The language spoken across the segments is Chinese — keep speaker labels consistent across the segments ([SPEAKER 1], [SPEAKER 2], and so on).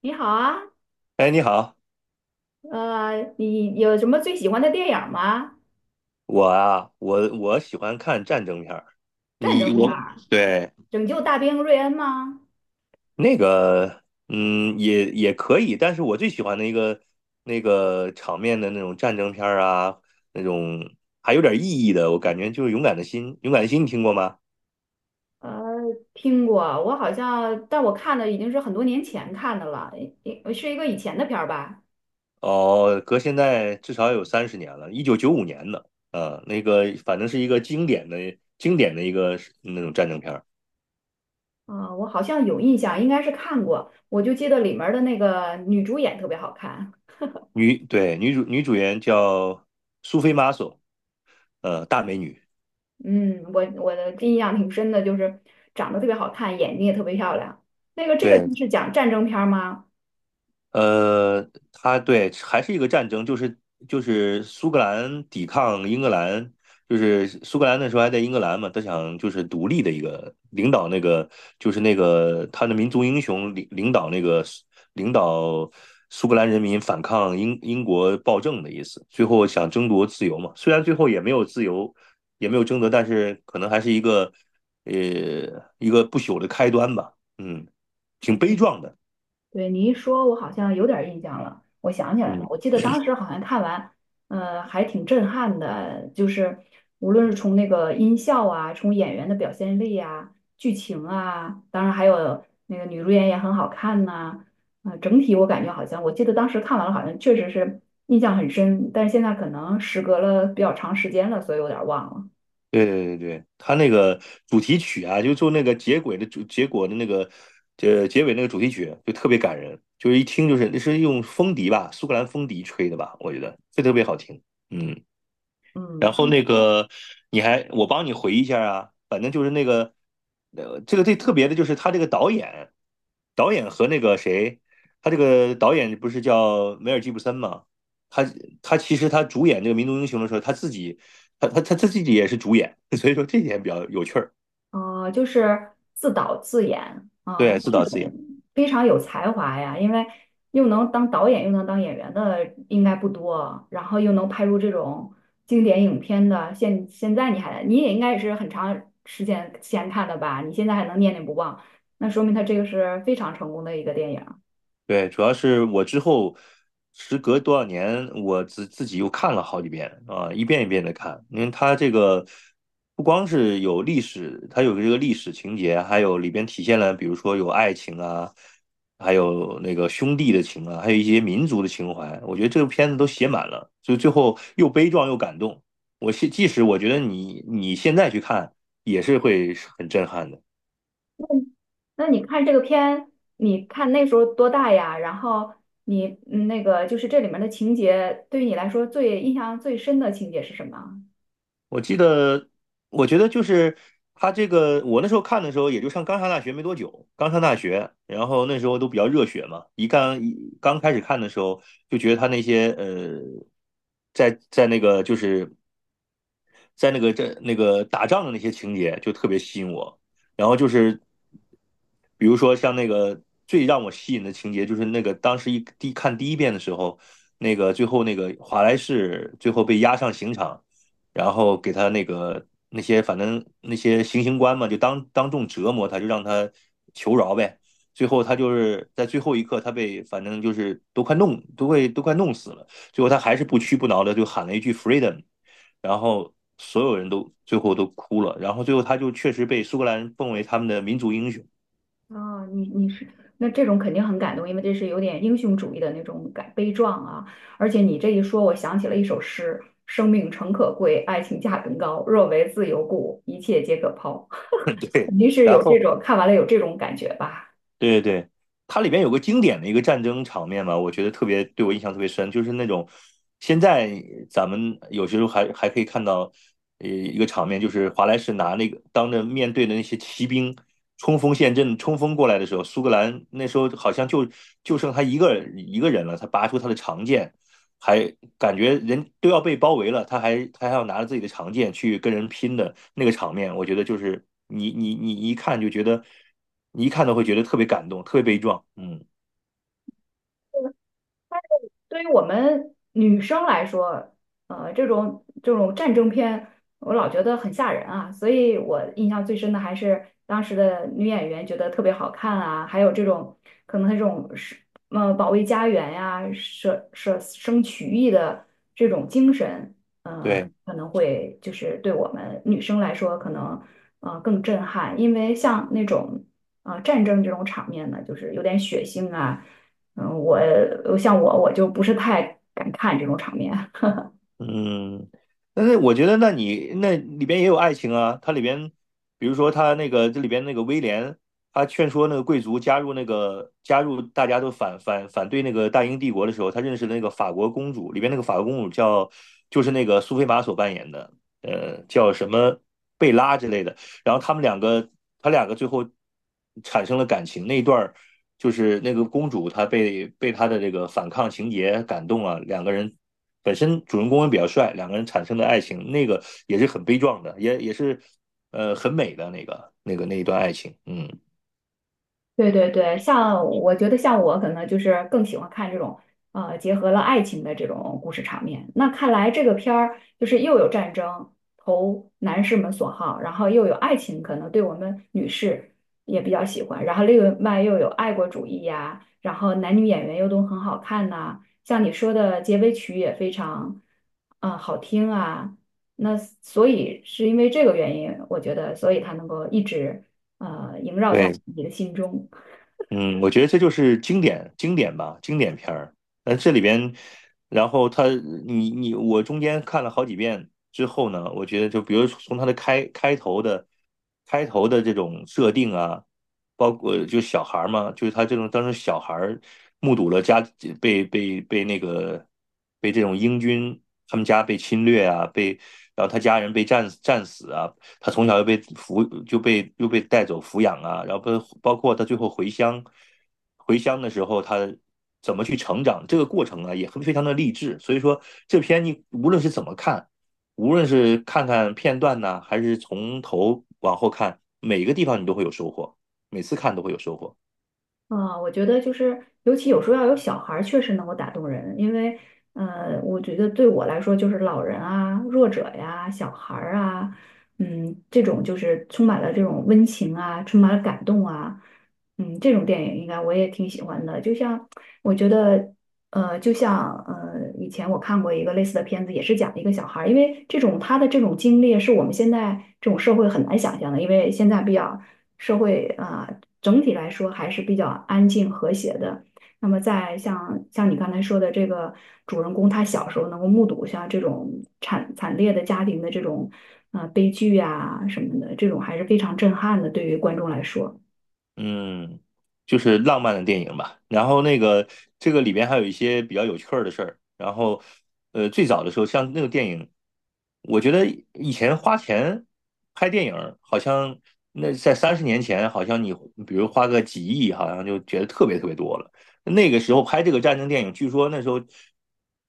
[SPEAKER 1] 你好啊，
[SPEAKER 2] 哎，你好，
[SPEAKER 1] 你有什么最喜欢的电影儿吗？
[SPEAKER 2] 我啊，我喜欢看战争片儿。
[SPEAKER 1] 战
[SPEAKER 2] 你
[SPEAKER 1] 争片
[SPEAKER 2] 我
[SPEAKER 1] 儿，《
[SPEAKER 2] 对，
[SPEAKER 1] 拯救大兵瑞恩》吗？
[SPEAKER 2] 那个，也可以，但是我最喜欢的一个那个场面的那种战争片儿啊，那种还有点意义的，我感觉就是《勇敢的心》。《勇敢的心》你听过吗？
[SPEAKER 1] 呃，听过，我好像，但我看的已经是很多年前看的了，是一个以前的片儿吧。
[SPEAKER 2] 哦，隔现在至少有三十年了，1995年的，那个反正是一个经典的一个那种战争片儿。
[SPEAKER 1] 啊，我好像有印象，应该是看过。我就记得里面儿的那个女主演特别好看。
[SPEAKER 2] 女主演叫苏菲玛索，大美女。
[SPEAKER 1] 嗯，我的印象挺深的，就是长得特别好看，眼睛也特别漂亮。那个这个
[SPEAKER 2] 对，
[SPEAKER 1] 就是讲战争片儿吗？
[SPEAKER 2] 呃，他对还是一个战争，就是苏格兰抵抗英格兰，就是苏格兰那时候还在英格兰嘛，他想就是独立的一个领导那个就是那个他的民族英雄领导那个领导苏格兰人民反抗英国暴政的意思，最后想争夺自由嘛，虽然最后也没有自由，也没有争夺，但是可能还是呃一个不朽的开端吧，挺悲壮的。
[SPEAKER 1] 对，你一说，我好像有点儿印象了，我想起来
[SPEAKER 2] 嗯。
[SPEAKER 1] 了，我记得当时好像看完，还挺震撼的，就是无论是从那个音效啊，从演员的表现力啊，剧情啊，当然还有那个女主演也很好看呐。整体我感觉好像，我记得当时看完了，好像确实是印象很深，但是现在可能时隔了比较长时间了，所以有点儿忘了。
[SPEAKER 2] 对对对对，他那个主题曲啊，就做那个结尾的主结果的那个呃结尾那个主题曲就特别感人，就是一听就是那是用风笛吧，苏格兰风笛吹的吧，我觉得这特别好听。嗯然后
[SPEAKER 1] 嗯。
[SPEAKER 2] 那个你还我帮你回忆一下啊，反正就是那个这个最特别的就是他这个导演，导演和那个谁，他这个导演不是叫梅尔吉布森吗？他他其实他主演这个《民族英雄》的时候，他自己也是主演，所以说这点比较有趣儿，
[SPEAKER 1] 就是自导自演啊，
[SPEAKER 2] 对，自
[SPEAKER 1] 这
[SPEAKER 2] 导自
[SPEAKER 1] 种
[SPEAKER 2] 演。
[SPEAKER 1] 非常有才华呀，因为又能当导演又能当演员的应该不多，然后又能拍出这种经典影片的。现在你也应该也是很长时间前看的吧？你现在还能念念不忘，那说明他这个是非常成功的一个电影。
[SPEAKER 2] 对，主要是我之后时隔多少年，我自己又看了好几遍啊，一遍一遍的看，因为它这个不光是有历史，它有这个历史情节，还有里边体现了，比如说有爱情啊，还有那个兄弟的情啊，还有一些民族的情怀，我觉得这个片子都写满了，就最后又悲壮又感动。即使我觉得你现在去看也是会很震撼的。
[SPEAKER 1] 那你看这个片，你看那时候多大呀？然后你那个就是这里面的情节，对于你来说最印象最深的情节是什么？
[SPEAKER 2] 我记得，我觉得就是他这个，我那时候看的时候，也就刚上大学没多久，刚上大学，然后那时候都比较热血嘛，一刚一刚开始看的时候，就觉得他那些在在那个就是在那个这那个打仗的那些情节就特别吸引我，然后就是比如说像那个最让我吸引的情节，就是那个当时看第一遍的时候，那个最后那个华莱士最后被押上刑场。然后给他那个那些反正那些行刑官嘛，就当众折磨他，就让他求饶呗。最后他就是在最后一刻，他被反正就是都快弄死了，最后他还是不屈不挠的就喊了一句 "freedom",然后所有人都最后都哭了，然后最后他就确实被苏格兰奉为他们的民族英雄，
[SPEAKER 1] 啊，你你是那这种肯定很感动，因为这是有点英雄主义的那种感悲壮啊。而且你这一说，我想起了一首诗："生命诚可贵，爱情价更高。若为自由故，一切皆可抛。"
[SPEAKER 2] 对，
[SPEAKER 1] 肯定是
[SPEAKER 2] 然
[SPEAKER 1] 有这
[SPEAKER 2] 后。
[SPEAKER 1] 种看完了有这种感觉吧。
[SPEAKER 2] 对对对，它里边有个经典的一个战争场面嘛，我觉得特别对我印象特别深，就是那种现在咱们有些时候还可以看到，一个场面就是华莱士拿那个当着面对的那些骑兵冲锋陷阵冲锋过来的时候，苏格兰那时候好像就剩他一个人了，他拔出他的长剑，还感觉人都要被包围了，他还要拿着自己的长剑去跟人拼的那个场面，我觉得就是你一看就觉得，你一看都会觉得特别感动，特别悲壮。嗯，
[SPEAKER 1] 对于我们女生来说，这种战争片，我老觉得很吓人啊，所以我印象最深的还是当时的女演员觉得特别好看啊，还有这种可能这种是保卫家园呀，舍生取义的这种精神，
[SPEAKER 2] 对。
[SPEAKER 1] 可能会就是对我们女生来说可能更震撼，因为像那种战争这种场面呢，就是有点血腥啊。嗯，我像我就不是太敢看这种场面。
[SPEAKER 2] 嗯，但是我觉得，那你那里边也有爱情啊。它里边，比如说他那个这里边那个威廉，他劝说那个贵族加入大家都反对那个大英帝国的时候，他认识了那个法国公主，里边那个法国公主叫就是那个苏菲玛索扮演的，叫什么贝拉之类的。然后他们两个最后产生了感情。那一段儿就是那个公主，她被他的这个反抗情节感动了，两个人本身主人公也比较帅，两个人产生的爱情，那个也是很悲壮的，也是很美的那一段爱情。嗯，
[SPEAKER 1] 对，对，对，像我觉得像我可能就是更喜欢看这种结合了爱情的这种故事场面。那看来这个片儿就是又有战争投男士们所好，然后又有爱情，可能对我们女士也比较喜欢。然后另外又有爱国主义呀、然后男女演员又都很好看呐、像你说的结尾曲也非常啊、好听啊。那所以是因为这个原因，我觉得所以它能够一直萦绕在
[SPEAKER 2] 对，
[SPEAKER 1] 你的心中。
[SPEAKER 2] 嗯，我觉得这就是经典经典吧，经典片儿。那这里边，然后他你你我中间看了好几遍之后呢，我觉得就比如从他的开头的这种设定啊，包括就小孩儿嘛，就是他这种当时小孩儿目睹了家被被被那个被这种英军他们家被侵略啊，然后他家人被战死啊，他从小又被带走抚养啊，然后包括他最后回乡，回乡的时候他怎么去成长，这个过程啊也很非常的励志。所以说这篇你无论是怎么看，无论是看看片段呢、还是从头往后看，每个地方你都会有收获，每次看都会有收获。
[SPEAKER 1] 啊，我觉得就是，尤其有时候要有小孩儿，确实能够打动人。因为，我觉得对我来说，就是老人啊、弱者呀、小孩儿啊，嗯，这种就是充满了这种温情啊，充满了感动啊，嗯，这种电影应该我也挺喜欢的。就像我觉得，就像以前我看过一个类似的片子，也是讲一个小孩儿，因为这种他的这种经历是我们现在这种社会很难想象的，因为现在比较社会啊、整体来说还是比较安静和谐的。那么在像你刚才说的这个主人公，他小时候能够目睹像这种惨烈的家庭的这种啊、悲剧啊什么的，这种还是非常震撼的，对于观众来说。
[SPEAKER 2] 嗯，就是浪漫的电影吧。然后那个这个里边还有一些比较有趣儿的事儿。然后，最早的时候，像那个电影，我觉得以前花钱拍电影儿好像那在三十年前，好像你比如花个几亿，好像就觉得特别特别多了。那个时候拍这个战争电影，据说那时候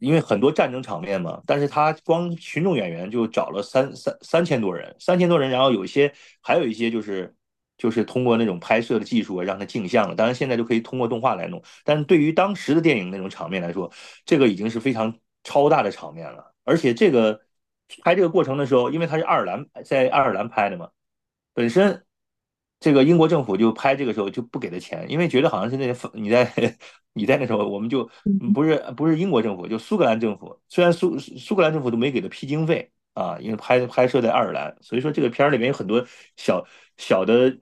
[SPEAKER 2] 因为很多战争场面嘛，但是他光群众演员就找了三千多人，三千多人，然后有一些还有一些就是通过那种拍摄的技术啊，让它镜像了。当然现在就可以通过动画来弄，但是对于当时的电影那种场面来说，这个已经是非常超大的场面了。而且这个拍这个过程的时候，因为它是爱尔兰在爱尔兰拍的嘛，本身这个英国政府就拍这个时候就不给他钱，因为觉得好像是那些你在 你在那时候，我们就不是不是英国政府，就苏格兰政府，虽然苏格兰政府都没给他批经费啊，因为拍摄在爱尔兰，所以说这个片儿里面有很多小小的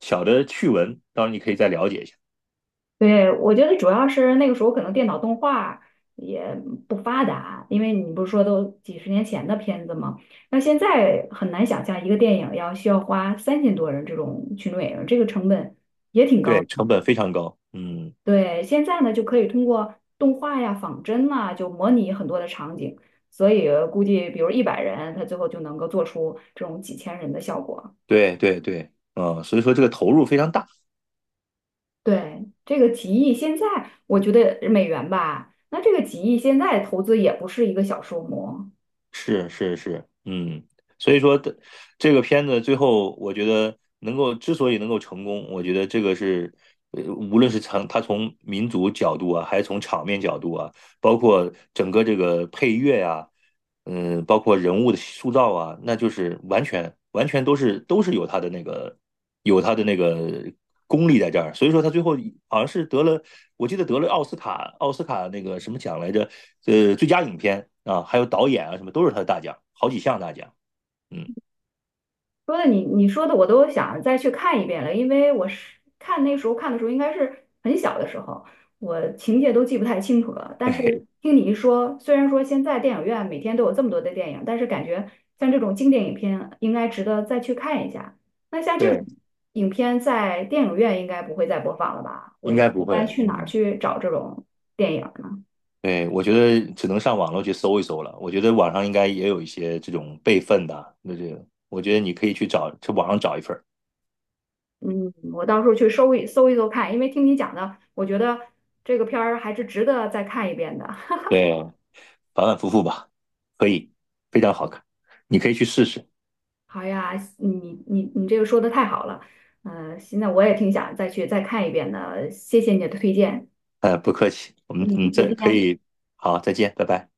[SPEAKER 2] 小的趣闻，当然你可以再了解一下。
[SPEAKER 1] 对，我觉得主要是那个时候可能电脑动画也不发达，因为你不是说都几十年前的片子吗？那现在很难想象一个电影要需要花3000多人这种群众演员，这个成本也挺高
[SPEAKER 2] 对，
[SPEAKER 1] 的。
[SPEAKER 2] 成本非常高，嗯，
[SPEAKER 1] 对，现在呢就可以通过动画呀、仿真呐、就模拟很多的场景，所以估计比如100人，他最后就能够做出这种几千人的效果。
[SPEAKER 2] 对对对，所以说这个投入非常大。
[SPEAKER 1] 对，这个几亿现在我觉得美元吧，那这个几亿现在投资也不是一个小数目。
[SPEAKER 2] 是是是，所以说的这个片子最后，我觉得能够之所以能够成功，我觉得这个是，无论是从民族角度啊，还是从场面角度啊，包括整个这个配乐呀、包括人物的塑造啊，那就是完全完全都是有他的那个功力在这儿，所以说他最后好像是得了，我记得得了奥斯卡那个什么奖来着，最佳影片啊，还有导演啊什么都是他的大奖，好几项大奖，嗯，
[SPEAKER 1] 你说的我都想再去看一遍了，因为我是看那时候看的时候应该是很小的时候，我情节都记不太清楚了。但是
[SPEAKER 2] 对
[SPEAKER 1] 听你一说，虽然说现在电影院每天都有这么多的电影，但是感觉像这种经典影片应该值得再去看一下。像这种
[SPEAKER 2] 对，
[SPEAKER 1] 影片在电影院应该不会再播放了吧？我
[SPEAKER 2] 应
[SPEAKER 1] 一
[SPEAKER 2] 该不会，
[SPEAKER 1] 般去哪儿
[SPEAKER 2] 嗯。
[SPEAKER 1] 去找这种电影呢？
[SPEAKER 2] 对，我觉得只能上网络去搜一搜了。我觉得网上应该也有一些这种备份的啊，那这个，我觉得你可以去找，去网上找一份儿。
[SPEAKER 1] 嗯，我到时候去搜一搜看，因为听你讲的，我觉得这个片儿还是值得再看一遍的。
[SPEAKER 2] 对，反反复复吧，可以，非常好看，你可以去试试。
[SPEAKER 1] 好呀，你这个说的太好了，现在我也挺想再去再看一遍的，谢谢你的推荐。
[SPEAKER 2] 不客气，我们
[SPEAKER 1] 嗯，
[SPEAKER 2] 再
[SPEAKER 1] 再
[SPEAKER 2] 可
[SPEAKER 1] 见。
[SPEAKER 2] 以，好，再见，拜拜。